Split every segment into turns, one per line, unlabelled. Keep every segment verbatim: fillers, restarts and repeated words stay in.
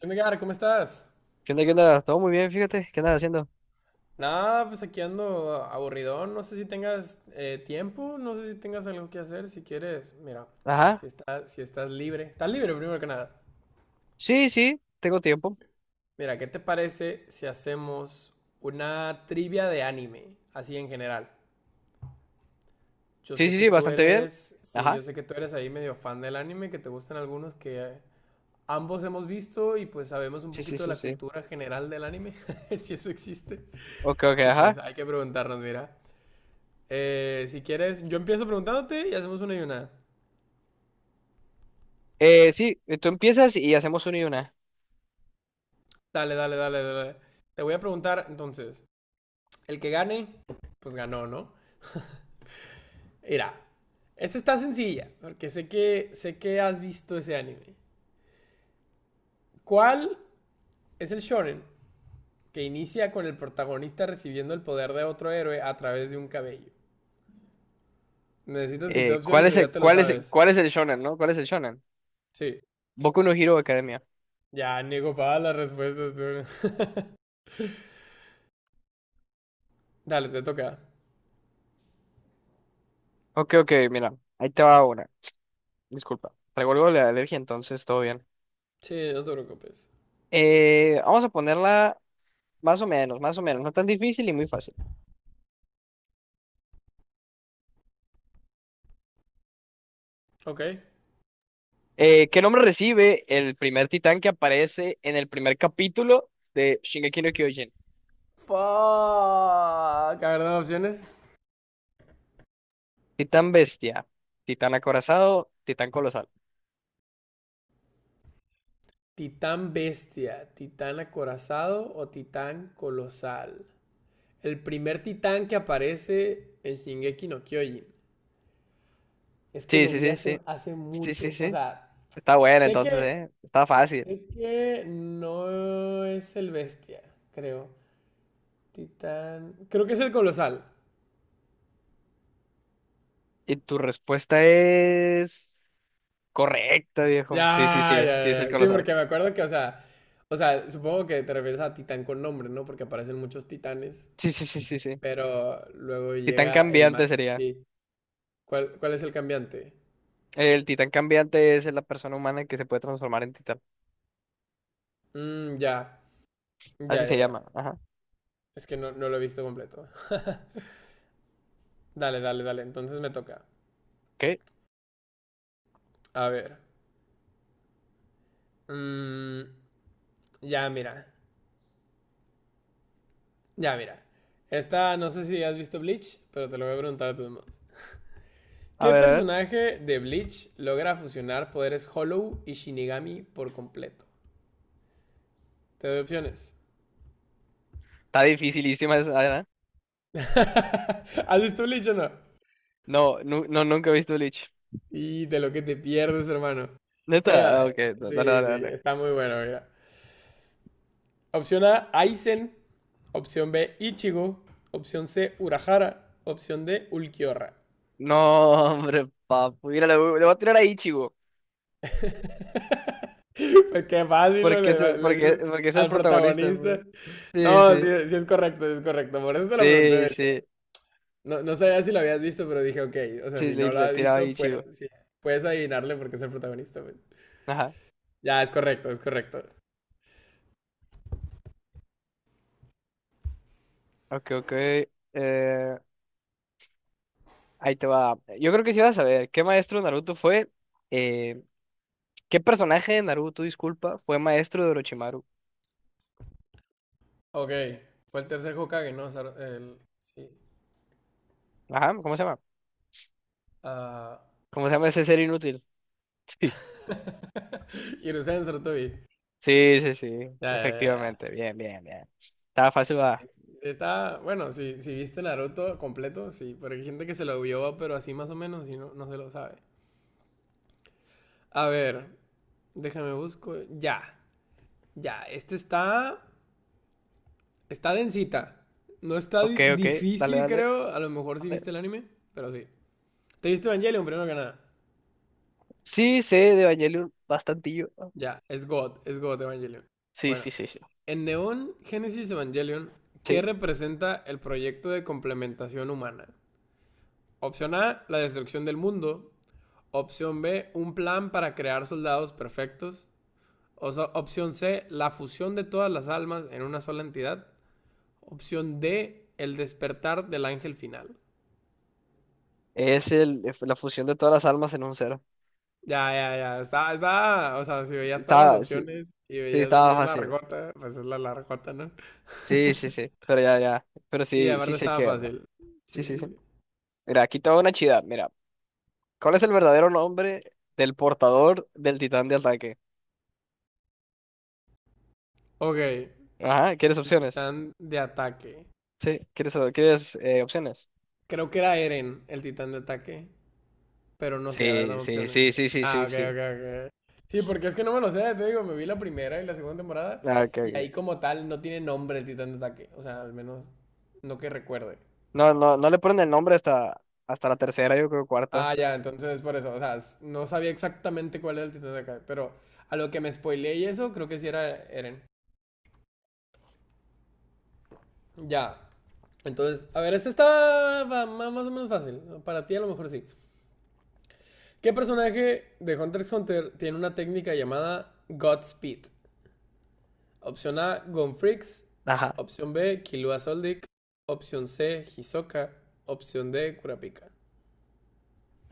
¿Qué onda, Edgar? ¿Cómo estás?
¿Qué onda? ¿Qué onda? Todo muy bien, fíjate. ¿Qué andas haciendo?
Nada, pues aquí ando aburridón. No sé si tengas eh, tiempo, no sé si tengas algo que hacer. Si quieres, mira,
Ajá.
si estás, si estás libre, estás libre primero que nada.
Sí, sí, tengo tiempo.
Mira, ¿qué te parece si hacemos una trivia de anime, así en general? Yo
Sí,
sé
sí,
que
sí,
tú
bastante bien.
eres, sí, yo
Ajá.
sé que tú eres ahí medio fan del anime, que te gustan algunos que ambos hemos visto y pues sabemos un
Sí, sí,
poquito de
sí,
la
sí.
cultura general del anime, si eso existe.
Ok, ok,
Y pues
ajá.
hay que preguntarnos, mira. Eh, si quieres, yo empiezo preguntándote y hacemos una y una.
Eh, sí, eh, tú empiezas y hacemos una y una.
Dale, dale, dale, dale. Te voy a preguntar entonces. El que gane, pues ganó, ¿no? Mira, esta está sencilla, porque sé que, sé que has visto ese anime. ¿Cuál es el shonen que inicia con el protagonista recibiendo el poder de otro héroe a través de un cabello? ¿Necesitas que te dé
Eh, ¿cuál
opciones o
es el,
ya te lo
cuál es, el-
sabes?
cuál es el shonen, no? ¿Cuál es el shonen?
Sí.
Boku no Hero Academia.
Ya, niego para las respuestas, tú. Dale, te toca.
Ok, ok, mira. Ahí te va una. Disculpa. Traigo algo de la alergia, entonces todo bien.
Sí, no te preocupes.
Eh, vamos a ponerla más o menos, más o menos. No tan difícil y muy fácil.
Ok,
Eh, ¿qué nombre recibe el primer titán que aparece en el primer capítulo de Shingeki no Kyojin?
fuck. A ver, dame opciones.
Titán bestia, titán acorazado, titán colosal.
Titán bestia, titán acorazado o titán colosal. El primer titán que aparece en Shingeki no Kyojin. Es que
Sí,
lo
sí,
vi
sí,
hace,
sí.
hace
Sí, sí,
mucho. O
sí.
sea,
Está bueno
sé
entonces,
que,
¿eh? Está fácil.
sé que no es el bestia, creo. Titán. Creo que es el colosal.
Y tu respuesta es correcta, viejo. Sí, sí, sí,
Ya,
eh, sí es
ya,
el
ya. Sí,
colosal.
porque me acuerdo que, o sea, o sea, supongo que te refieres a titán con nombre, ¿no? Porque aparecen muchos titanes.
Sí, sí, sí, sí, sí.
Pero luego
Titán
llega el ma...
cambiante sería.
Sí. ¿Cuál, cuál es el cambiante?
El titán cambiante es la persona humana que se puede transformar en titán.
Mm, ya. Ya,
Así se
ya, ya.
llama. Ajá.
Es que no, no lo he visto completo. Dale, dale, dale. Entonces me toca.
¿Qué?
A ver. Mm, ya, mira. Ya, mira. Esta, no sé si has visto Bleach, pero te lo voy a preguntar a todos modos.
A
¿Qué
ver, a ver.
personaje de Bleach logra fusionar poderes Hollow y Shinigami por completo? Te doy opciones.
Está dificilísima esa, ¿eh?
¿Has visto Bleach o no?
No, nu- no, nunca he visto Bleach.
Y de lo que te pierdes, hermano. Bueno,
¿Neta? Ah, ok, da- dale,
sí,
dale,
sí,
dale.
está muy bueno, mira. Opción A, Aizen. Opción B, Ichigo. Opción C, Urahara. Opción D, Ulquiorra.
No, hombre, papu. Mira, le, voy le voy a tirar a Ichigo.
Pues qué fácil, ¿no?
Porque es,
le,
el-
le
porque,
dices
porque es el
al
protagonista,
protagonista.
pues. Sí,
No, sí,
sí.
sí es correcto, sí es correcto. Por eso te lo pregunté, de
Sí,
hecho.
sí.
No, no sabía si lo habías visto, pero dije, ok, o sea,
Sí,
si
le,
no lo
le
has
tiraba a
visto, pues,
Ichigo.
sí, puedes adivinarle porque es el protagonista. Pues.
Ajá.
Ya, es correcto, es correcto.
Ok, ok. Eh, Ahí te va. Yo creo que sí vas a saber. ¿Qué maestro de Naruto fue? Eh, ¿Qué personaje de Naruto, disculpa, fue maestro de Orochimaru?
Ok, fue el tercer Hokage, ¿no? Sar- el... Sí.
Ajá, ¿cómo se llama?
Ah.
¿Cómo se llama ese ser inútil? Sí.
Hiruzen Sarutobi.
Sí, sí, sí.
Ya, ya, ya.
Efectivamente. Bien, bien, bien. Estaba fácil, va.
Está, bueno, si, si viste Naruto completo, sí, pero hay gente que se lo vio, pero así más o menos y no, no se lo sabe. A ver, déjame busco. Ya, ya, este está, está densita. No está
Ok,
di-
ok, dale,
difícil,
dale,
creo. A lo mejor sí
dale.
viste el anime, pero sí. ¿Te viste Evangelion primero que nada?
Sí, sé de Evangelion bastantillo.
Ya, es God, es God Evangelion.
Sí,
Bueno,
sí, sí, sí.
en Neon Genesis Evangelion, ¿qué
Sí.
representa el proyecto de complementación humana? Opción A, la destrucción del mundo. Opción B, un plan para crear soldados perfectos. O sea, opción C, la fusión de todas las almas en una sola entidad. Opción D, el despertar del ángel final.
Es el, es la fusión de todas las almas en un cero.
Ya, ya, ya. Está, está. O sea, si veías todas las
Estaba, sí,
opciones y
sí,
veías la
estaba
opción
fácil.
largota, pues es la largota, ¿no?
Sí, sí, sí. Pero ya, ya. Pero
Sí,
sí, sí
aparte
sé
estaba
que verla.
fácil.
Sí,
Sí, sí.
sí, sí.
Sí.
Mira, aquí te va una chida. Mira, ¿cuál es el verdadero nombre del portador del titán de ataque?
Ok, el
Ajá, ¿quieres opciones?
titán de ataque.
Sí, ¿quieres, quieres eh, opciones?
Creo que era Eren, el titán de ataque. Pero no sé, a ver,
Sí,
dame
sí,
opciones.
sí, sí, sí,
Ah,
sí,
ok,
sí.
ok, ok. Sí, porque es que no me lo sé, te digo, me vi la primera y la segunda temporada.
Ah, ok,
Y ahí
ok.
como tal no tiene nombre el titán de ataque. O sea, al menos no que recuerde.
No, no, no le ponen el nombre hasta, hasta la tercera, yo creo, cuarta.
Ah, ya, entonces por eso. O sea, s- no sabía exactamente cuál era el titán de ataque. Pero a lo que me spoileé y eso, creo que sí era Eren. Ya. Entonces, a ver, este está va- ma- más o menos fácil. Para ti a lo mejor sí. ¿Qué personaje de Hunter x Hunter tiene una técnica llamada Godspeed? Opción A, Gonfrix.
Ajá.
Opción B, Killua Soldic. Opción C, Hisoka. Opción D, Kurapika.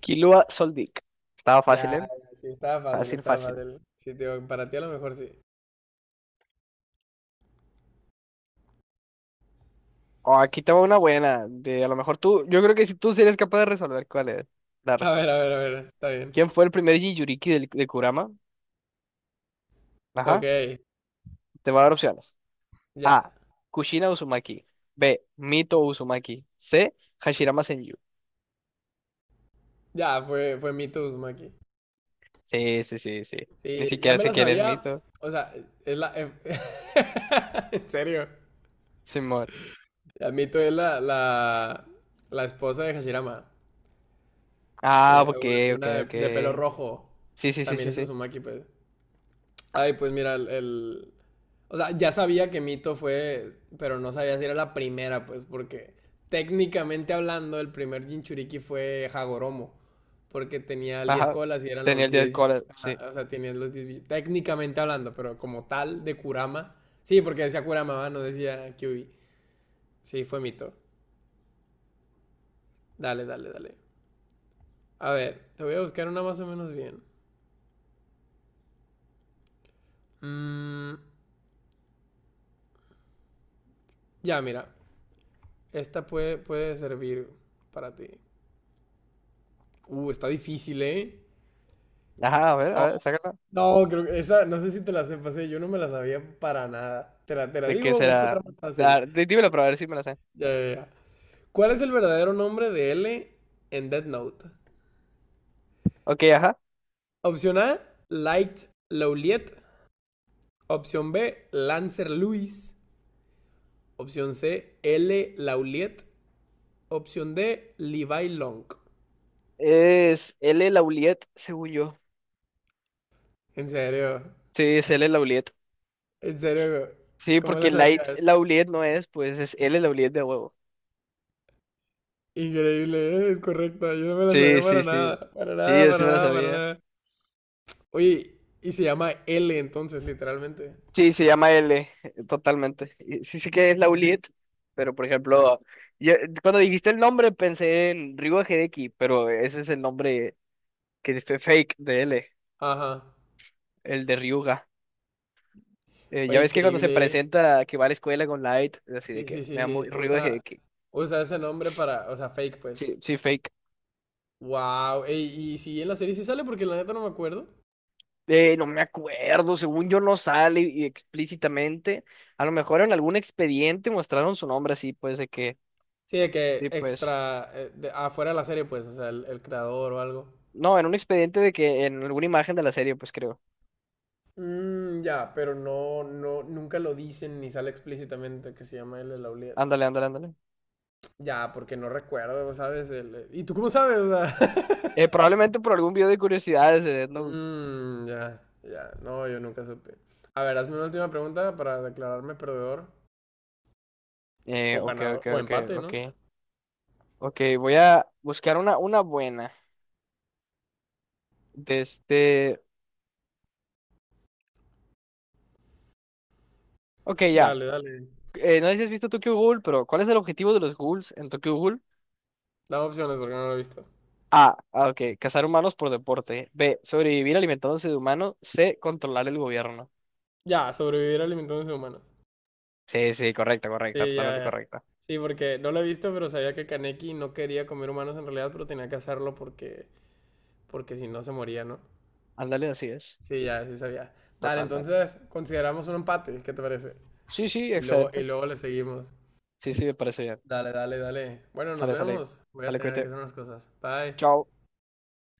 Kilua Soldic. Estaba fácil,
Ya,
¿eh?
ya, sí, estaba fácil,
Fácil,
estaba
fácil.
fácil. Sí, tío, para ti a lo mejor sí.
Oh, aquí tengo una buena. De a lo mejor tú. Yo creo que si tú sí eres capaz de resolver cuál es la
A ver,
respuesta.
a ver, a ver, está bien.
¿Quién fue el primer Jinchuriki del- de Kurama? Ajá.
Ok,
Te va a dar opciones.
ya,
A. Kushina Uzumaki. B. Mito Uzumaki. C. Hashirama Senju.
ya, fue, fue mi Tuzma aquí.
Sí, sí, sí, sí. Ni
Sí, ya
siquiera
me
sé
la
quién es
sabía,
Mito.
o sea, es la... eh, en serio.
Simón.
Mito es la, la, la esposa de Hashirama.
Ah,
Era
ok,
una,
ok,
una de,
ok.
de pelo rojo.
Sí, sí, sí,
También
sí,
es
sí.
Uzumaki, pues. Ay, pues mira, el, el- O sea, ya sabía que Mito fue, pero no sabía si era la primera, pues, porque técnicamente hablando, el primer Jinchuriki fue Hagoromo, porque tenía el diez
Ajá.
colas y eran
Tenía
los
el día del
diez, jin-
cólera. Sí.
ajá, o sea, tenían los diez, bi- técnicamente hablando, pero como tal, de Kurama. Sí, porque decía Kurama, ¿va? No decía Kyubi. Sí, fue Mito. Dale, dale, dale. A ver, te voy a buscar una más o menos bien. Mm, ya, mira. Esta puede, puede servir para ti. Uh, está difícil, ¿eh?
Ajá, a ver, a
No,
ver, sácala.
no, creo que esa, no sé si te la sepas, ¿eh? Yo no me la sabía para nada. Te la, te la
¿De qué
digo, busco
será?
otra más fácil.
Dar, dí- dímelo para ver si me lo sé.
Ya, ya, ya. ¿Cuál es el verdadero nombre de L en Death Note?
Ok, ajá.
Opción A, Light Lauliet. Opción B, Lancer Lewis. Opción C, L Lauliet. Opción D, Levi Long.
Es L. Lauliet, según yo.
En serio,
Sí, es L. Lauliet.
en serio,
Sí,
¿cómo la
porque Light
sabías?
Lauliet no es, pues es L. Lauliet de huevo.
Increíble, ¿eh? Es correcta. Yo no me la
Sí,
sabía
sí,
para
sí.
nada, para
Sí,
nada,
yo sí
para
me lo
nada, para
sabía.
nada. Oye, y se llama L entonces, literalmente.
Sí, se llama L, eh, totalmente. Y sí, sí que es Lauliet, pero por ejemplo, yo- cuando dijiste el nombre pensé en Ryuga Hideki, pero ese es el nombre que es fake de L,
Ajá.
el de Ryuga. Eh, ya
Oye,
ves que cuando se
increíble, ¿eh?
presenta que va a la escuela con Light, así de
Sí,
que
sí,
me
sí,
da muy
sí.
ruido de
Usa,
que
usa ese nombre para, o sea, fake, pues.
sí, sí, fake.
Wow. Y si en la serie sí sale, porque la neta no me acuerdo.
Eh, no me acuerdo, según yo no sale y explícitamente. A lo mejor en algún expediente mostraron su nombre así, pues de que,
Sí, de que
sí, pues.
extra, eh, de- afuera de la serie, pues, o sea, el, el creador o algo.
No, en un expediente de que en alguna imagen de la serie, pues creo.
Mm, ya, pero no, no, nunca lo dicen ni sale explícitamente que se llama L. Lauliet.
Ándale, ándale, ándale.
Ya, porque no recuerdo, ¿sabes? El- ¿y tú cómo sabes? O sea,
Eh, probablemente por algún video de curiosidades de Death Note.
Mm, ya, ya. No, yo nunca supe. A ver, hazme una última pregunta para declararme perdedor
Eh,
o
ok,
ganador
ok,
o
ok,
empate, ¿no?
ok. Ok, voy a buscar una, una buena. De este. Ok, ya.
Dale, dale.
Eh, no sé si has visto Tokyo Ghoul, pero ¿cuál es el objetivo de los ghouls en Tokyo Ghoul?
Dame opciones porque no lo he visto.
A, ah, ok, cazar humanos por deporte. B, sobrevivir alimentándose de humanos. C, controlar el gobierno.
Ya, sobrevivir alimentándose de humanos.
Sí, sí, correcta, correcta,
Sí, ya,
totalmente
ya.
correcta.
Sí, porque no lo he visto, pero sabía que Kaneki no quería comer humanos en realidad, pero tenía que hacerlo porque, porque si no se moría, ¿no?
Ándale, así es.
Sí, ya, sí sabía. Dale,
Totalmente.
entonces consideramos un empate, ¿qué te parece?
Sí, sí,
Y luego, y
excelente.
luego le seguimos.
Sí, sí, me parece bien.
Dale, dale, dale. Bueno, nos
Sale, sale.
vemos. Voy a
Sale,
tener que
cuídate.
hacer unas cosas. Bye.
Chao.